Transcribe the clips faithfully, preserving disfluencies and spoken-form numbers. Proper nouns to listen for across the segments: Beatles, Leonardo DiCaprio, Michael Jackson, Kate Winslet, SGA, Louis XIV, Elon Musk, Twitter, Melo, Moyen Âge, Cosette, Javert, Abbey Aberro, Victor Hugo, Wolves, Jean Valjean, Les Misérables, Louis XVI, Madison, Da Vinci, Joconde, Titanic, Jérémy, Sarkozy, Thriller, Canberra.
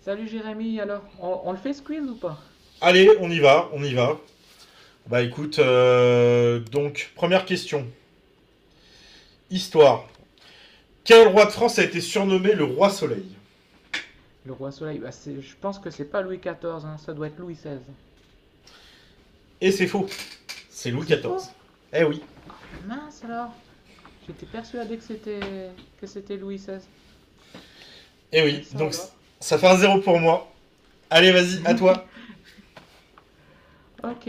Salut Jérémy, alors, on, on le fait squeeze ou pas? Allez, on y va, on y va. Bah écoute, euh, donc, première question. Histoire. Quel roi de France a été surnommé le roi soleil? Le roi soleil, bah c'est- je pense que c'est pas Louis quatorze, hein, ça doit être Louis seize. Et c'est faux, c'est Louis C'est faux? quatorze. Eh oui, Mince alors, j'étais persuadé que c'était que c'était Louis seize. eh Ah bah oui, ça donc alors. ça fait un zéro pour moi. Allez, vas-y, à toi. Ok.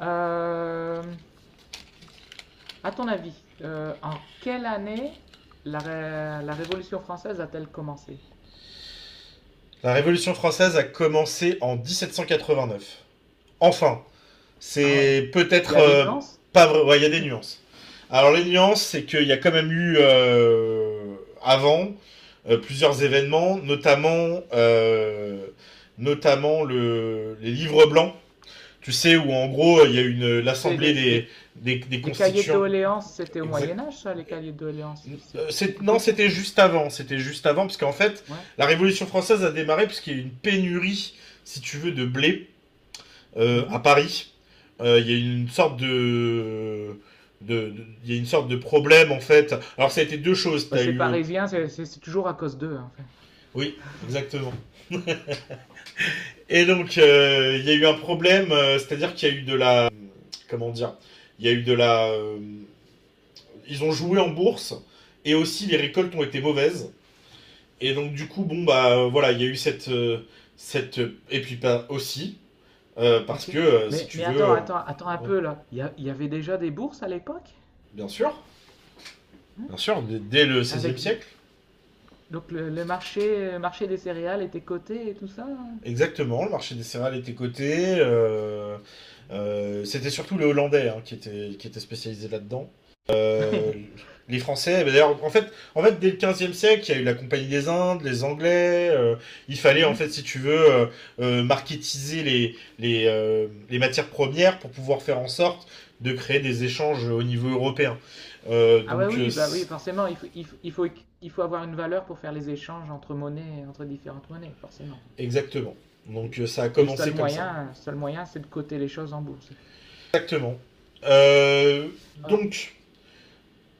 Euh, à ton avis, euh, en quelle année la, ré- la Révolution française a-t-elle commencé? La Révolution française a commencé en dix-sept cent quatre-vingt-neuf. Enfin, Ah ouais. c'est Il y peut-être a des euh, nuances? pas vrai. Ouais, il y a des nuances. Alors les nuances, c'est qu'il y a quand même eu euh, avant euh, plusieurs événements, notamment euh, notamment le, les livres blancs. Tu sais où en gros il y a eu une C'est l'assemblée les, des, les, des, des les cahiers de constituants. doléances, c'était au Exact. Moyen Âge, ça, les cahiers de doléances, c'est Euh, c'est- beaucoup Non, plus tôt. c'était juste avant. C'était juste avant parce qu'en fait Ouais. la Révolution française a démarré parce qu'il y a eu une pénurie, si tu veux, de blé euh, à Mhm. Paris. Euh, il y a une sorte de de- de- il y a une sorte de problème en fait. Alors ça a été deux choses. Bah, T'as c'est eu parisien, c'est c'est- c'est toujours à cause d'eux, en fait. oui exactement. Et donc euh, il y a eu un problème, euh, c'est-à-dire qu'il y a eu de la comment dire, il y a eu de la euh, ils ont joué en bourse et aussi les récoltes ont été mauvaises. Et donc du coup bon bah euh, voilà il y a eu cette euh, cette et puis pas aussi euh, parce Ok. que euh, si Mais, tu mais veux attends, euh, attends, attends un ouais, peu, là. Il y, a- il y avait déjà des bourses à l'époque? bien sûr, Hein. bien sûr dès, dès le seizième Avec, de- siècle. donc le, le marché, euh, marché des céréales était coté et tout ça? Hein. Exactement, le marché des céréales était coté. Euh, euh, c'était surtout les Hollandais hein, qui étaient, qui étaient spécialisés là-dedans. Euh, les Français, bah, d'ailleurs, en fait, en fait, dès le quinzième siècle, il y a eu la Compagnie des Indes, les Anglais. Euh, il fallait, en fait, Mhm. si tu veux, euh, euh, marketiser les, les, euh, les matières premières pour pouvoir faire en sorte de créer des échanges au niveau européen. Euh, Ah ouais, donc, euh, oui, bah c'est- oui, forcément, il faut, il faut, il faut, il faut avoir une valeur pour faire les échanges entre monnaies, entre différentes monnaies, forcément. Exactement. Et Donc, euh, ça a et le seul commencé comme ça. moyen, seul moyen, c'est de coter les choses en bourse. Exactement. Euh, Ah, ok. donc,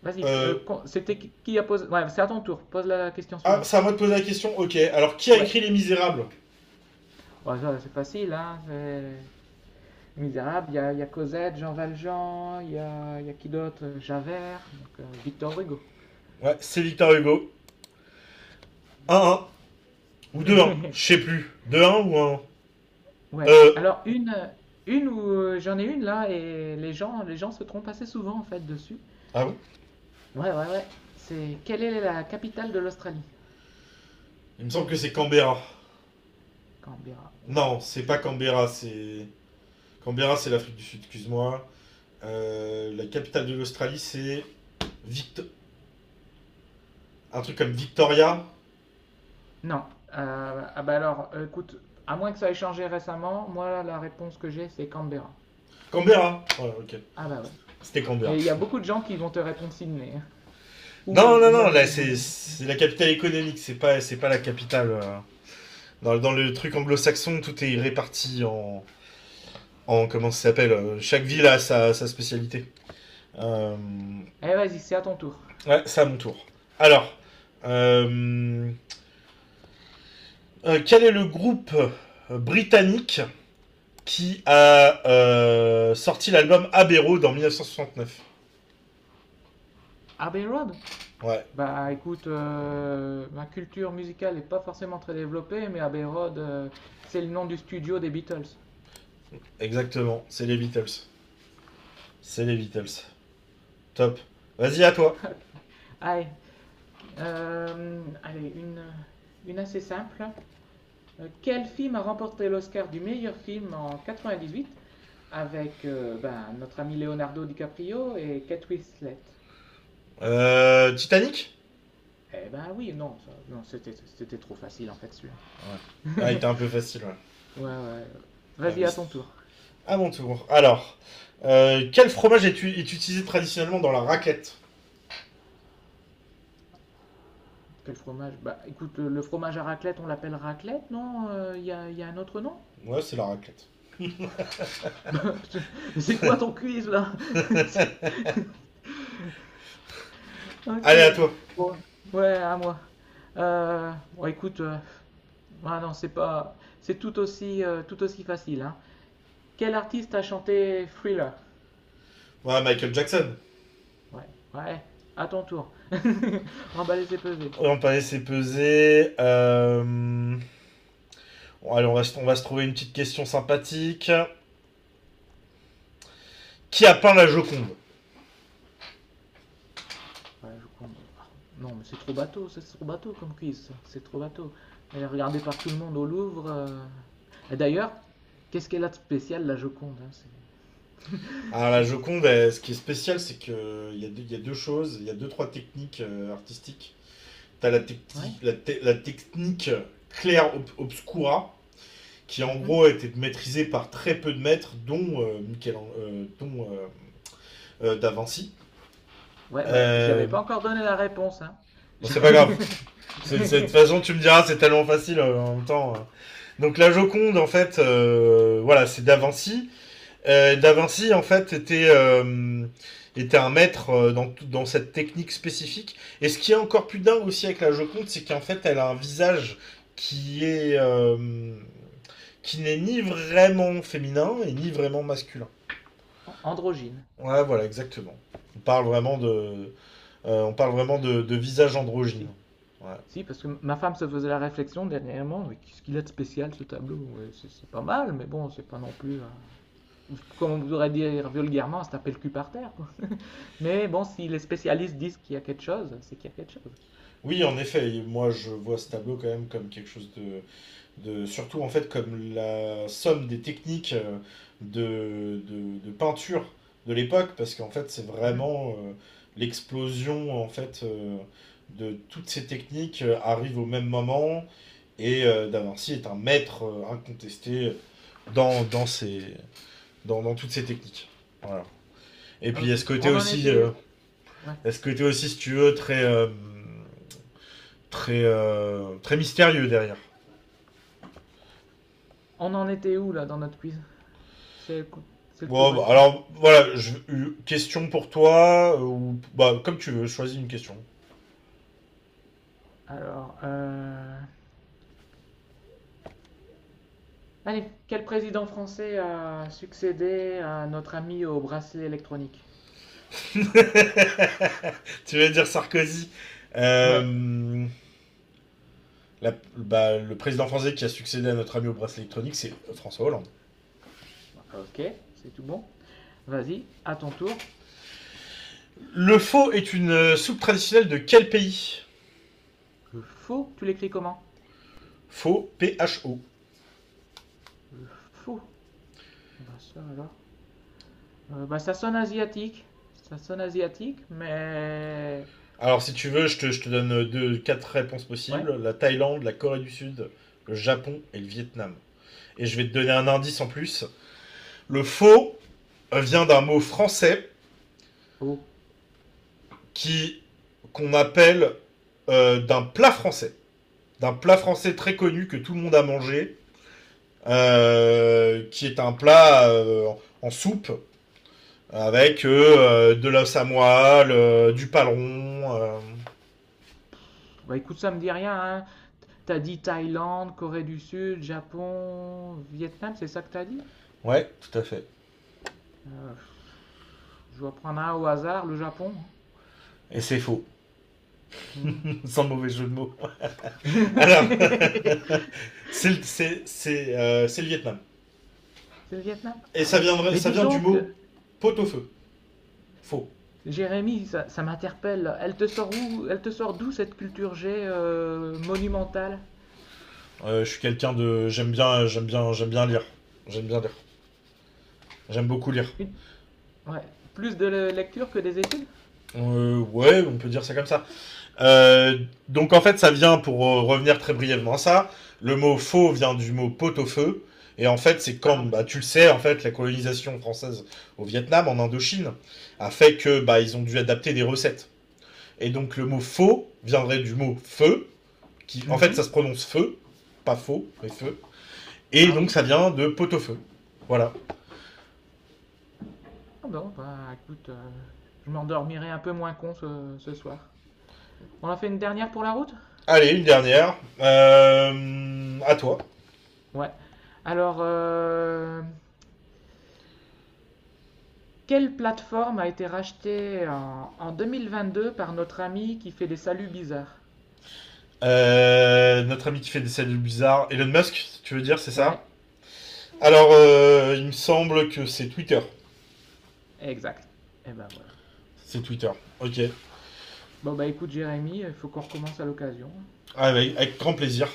Vas-y, euh, Euh, con- c'était qui qui a posé... Ouais, c'est à ton tour, pose la question ah, c'est à suivante. moi de poser la question. Ok, alors qui a Ouais. écrit Les Misérables? Bon, ça, c'est facile, hein. C'est... Misérable, il y a, il y a Cosette, Jean Valjean, il y a, il y a qui d'autre? Javert, donc, euh, Victor Hugo. Ouais, c'est Victor Hugo. Un 1 ou deux un je sais plus. Deux un ou un un? Ouais. Euh. Alors, une, une où euh, j'en ai une là, et les gens, les gens se trompent assez souvent en fait dessus. Ah bon. Ouais, ouais, ouais. C'est quelle est la capitale de l'Australie? Il me semble que c'est Canberra. Canberra. Ouais, Non, c'est je. pas Canberra, c'est. Canberra, c'est l'Afrique du Sud, excuse-moi. Euh, la capitale de l'Australie, c'est. Victo- Un truc comme Victoria. Non. Euh, ah bah alors, euh, écoute, à moins que ça ait changé récemment, moi la réponse que j'ai c'est Canberra. Canberra, ouais, ok. Ah bah ouais. C'était Canberra. Mais il y a Ouais. beaucoup de gens qui vont te répondre Sydney, hein. Non, Ou, non, ou non, même là, c'est Melbourne. c'est la capitale économique, c'est pas, c'est pas la capitale. euh. Dans, dans le truc anglo-saxon, tout est réparti en, en comment ça s'appelle euh, chaque ville Et- a sa, sa spécialité. Euh, Eh vas-y, c'est à ton tour. ouais, c'est à mon tour. Alors, euh, euh, quel est le groupe britannique qui a euh, sorti l'album Abbey Aberro dans mille neuf cent soixante-neuf? Abbey Road? Ouais, Bah écoute, euh, ma culture musicale n'est pas forcément très développée, mais Abbey Road, euh, c'est le nom du studio des Beatles. exactement. C'est les Beatles. C'est les Beatles. Top. Vas-y, à toi. Allez, euh, allez une, une assez simple. Euh, quel film a remporté l'Oscar du meilleur film en quatre-vingt-dix-huit avec euh, ben, notre ami Leonardo DiCaprio et Kate Winslet? Euh, Titanic. Eh ben oui, non, ça- non, c'était c'était trop facile en fait celui-là. Ouais. Ah, il était un peu facile, ouais. Ouais, ouais. Ah, Vas-y, à oui. ton tour. À mon tour. Alors, euh, quel fromage est, est utilisé traditionnellement dans la raclette? Quel fromage? Bah écoute, le, le fromage à raclette, on l'appelle raclette, non? Euh, Il y a, y a un autre nom? Ouais, c'est la raclette. Mais c'est quoi ton quiz là? C'est- Ok. Allez, à toi. Bon, ouais, à moi. Euh, bon, écoute, euh, ah non, c'est pas, c'est tout aussi, euh, tout aussi facile, hein. Quel artiste a chanté Thriller? Ouais, Michael Jackson. Ouais, ouais. À ton tour. Emballé, c'est pesé. On va laisser peser. Euh, bon, allez, on va, se- on va se trouver une petite question sympathique. Qui a peint la Joconde? Voilà, je Non, mais c'est trop bateau, c'est trop bateau comme quiz, c'est trop bateau. Elle est regardée par tout le monde au Louvre. euh. D'ailleurs, qu'est-ce qu'elle a de spécial, la Joconde, hein, c'est... Alors, la c'est- Joconde, elle, ce qui est spécial, c'est qu'il y, il y a deux choses. Il y a deux, trois techniques euh, artistiques. T'as la, Ouais, techti- la, te- La technique claire ob- obscura, qui en mhm. gros a été maîtrisée par très peu de maîtres, dont, euh, Michel- euh, dont euh, euh, Da Vinci. Ouais, bah, Euh, j'avais pas encore donné la réponse, hein. bon, c'est pas grave. C'est- De toute façon, tu me diras, c'est tellement facile euh, en même temps. euh. Donc la Joconde, en fait, euh, voilà, c'est Da Vinci. Euh, Da Vinci, en fait, était, euh, était un maître euh, dans, dans cette technique spécifique. Et ce qui est encore plus dingue aussi avec la Joconde, c'est qu'en fait, elle a un visage qui est euh, qui n'est ni vraiment féminin et ni vraiment masculin. An- Androgyne. Ouais, voilà, exactement. On parle vraiment de, euh, on parle vraiment de, de visage androgyne. Si. Ouais. Si, parce que ma femme se faisait la réflexion dernièrement, mais qu'est-ce qu'il a de spécial ce tableau? Ouais, c'est c'est pas mal, mais bon, c'est pas non plus. euh, comme on voudrait dire vulgairement, ça taper le cul par terre. Quoi. Mais bon, si les spécialistes disent qu'il y a quelque chose, c'est qu'il y a quelque chose. Oui, en effet, moi je vois ce tableau quand même comme quelque chose de de, surtout en fait comme la somme des techniques euh, de, de, de peinture de l'époque, parce qu'en fait c'est Mhm. vraiment euh, l'explosion en fait euh, de toutes ces techniques euh, arrive au même moment, et euh, Da Vinci est un maître euh, incontesté dans, dans, ces, dans, dans toutes ces techniques. Voilà. Et puis il y a Ok. ce côté On en aussi, euh, était, ouais. il y a ce côté aussi si tu veux, très, euh, très, euh, très mystérieux derrière. On en était où là dans notre quiz? C'est le coup- c'est le Bon, tour à bah, qui? alors voilà, je- une question pour toi, euh, ou bah, comme tu veux, choisis une question. Alors, euh, allez, quel président français a succédé à notre ami au bracelet électronique? Tu vas dire Sarkozy. Ouais. Euh, la- Bah, le président français qui a succédé à notre ami au bracelet électronique, c'est François Hollande. Ok, c'est tout bon. Vas-y, à ton tour. Le faux est une euh, soupe traditionnelle de quel pays? Le faux, tu l'écris comment? Faux, P-H-O. Le faux. Ah Bah ça alors. Euh, bah, ça sonne asiatique. Ça sonne asiatique, mais. Alors si tu veux, je te, je te donne euh, deux, quatre réponses Ouais. possibles. La Thaïlande, la Corée du Sud, le Japon et le Vietnam. Et je vais te donner un indice en plus. Le faux euh, vient d'un mot français Oh. qui qu'on appelle euh, d'un plat français, d'un plat français très connu que tout le monde a mangé, euh, qui est un plat euh, en en soupe avec euh, de la samoile, euh, du paleron. euh, Bah, écoute, ça me dit rien, hein. T'as dit Thaïlande, Corée du Sud, Japon, Vietnam, c'est ça que t'as dit? Ouais, tout à fait. Euh, je vais prendre un au hasard, le Japon. Et c'est faux, hein. Hmm. sans mauvais jeu de mots. Alors, C'est c'est c'est- c'est, euh, c'est le Vietnam. c'est le Vietnam? Et Ah ça ouais. vient, Mais ça dis vient du donc, euh, mot pot au feu. Faux. Jérémy, ça, ça m'interpelle. Elle te sort où, elle te sort d'où cette culture G, euh, monumentale? Euh, je suis quelqu'un de. J'aime bien, j'aime bien, j'aime bien lire. J'aime bien lire. J'aime beaucoup lire. Une- Ouais. Plus de le- lecture que des études? Euh, ouais, on peut dire ça comme ça. Euh, donc en fait, ça vient, pour euh, revenir très brièvement à ça, le mot faux vient du mot pot au feu. Et en fait, c'est Ah, comme, bah bah, oui. tu le sais, en fait, la colonisation française au Vietnam, en Indochine, a fait que bah, ils ont dû adapter des recettes. Et donc le mot faux viendrait du mot feu, qui en fait ça se Mhm. prononce feu, pas faux, mais feu. Et Ah donc oui? ça vient de pot au feu. Voilà. Ah bon, bah écoute, euh, je m'endormirai un peu moins con ce, ce soir. On en fait une dernière pour la route? Allez, une dernière. Euh, à toi. Ouais. Alors, euh, quelle plateforme a été rachetée en, en deux mille vingt-deux par notre ami qui fait des saluts bizarres? Euh, notre ami qui fait des saluts bizarres. Elon Musk, tu veux dire, c'est ça? Ouais, Alors, euh, il me semble que c'est Twitter. exact. Et ben voilà. C'est Twitter. Ok. Bon bah écoute Jérémy, il faut qu'on recommence à l'occasion. Ah, Avec, avec grand plaisir.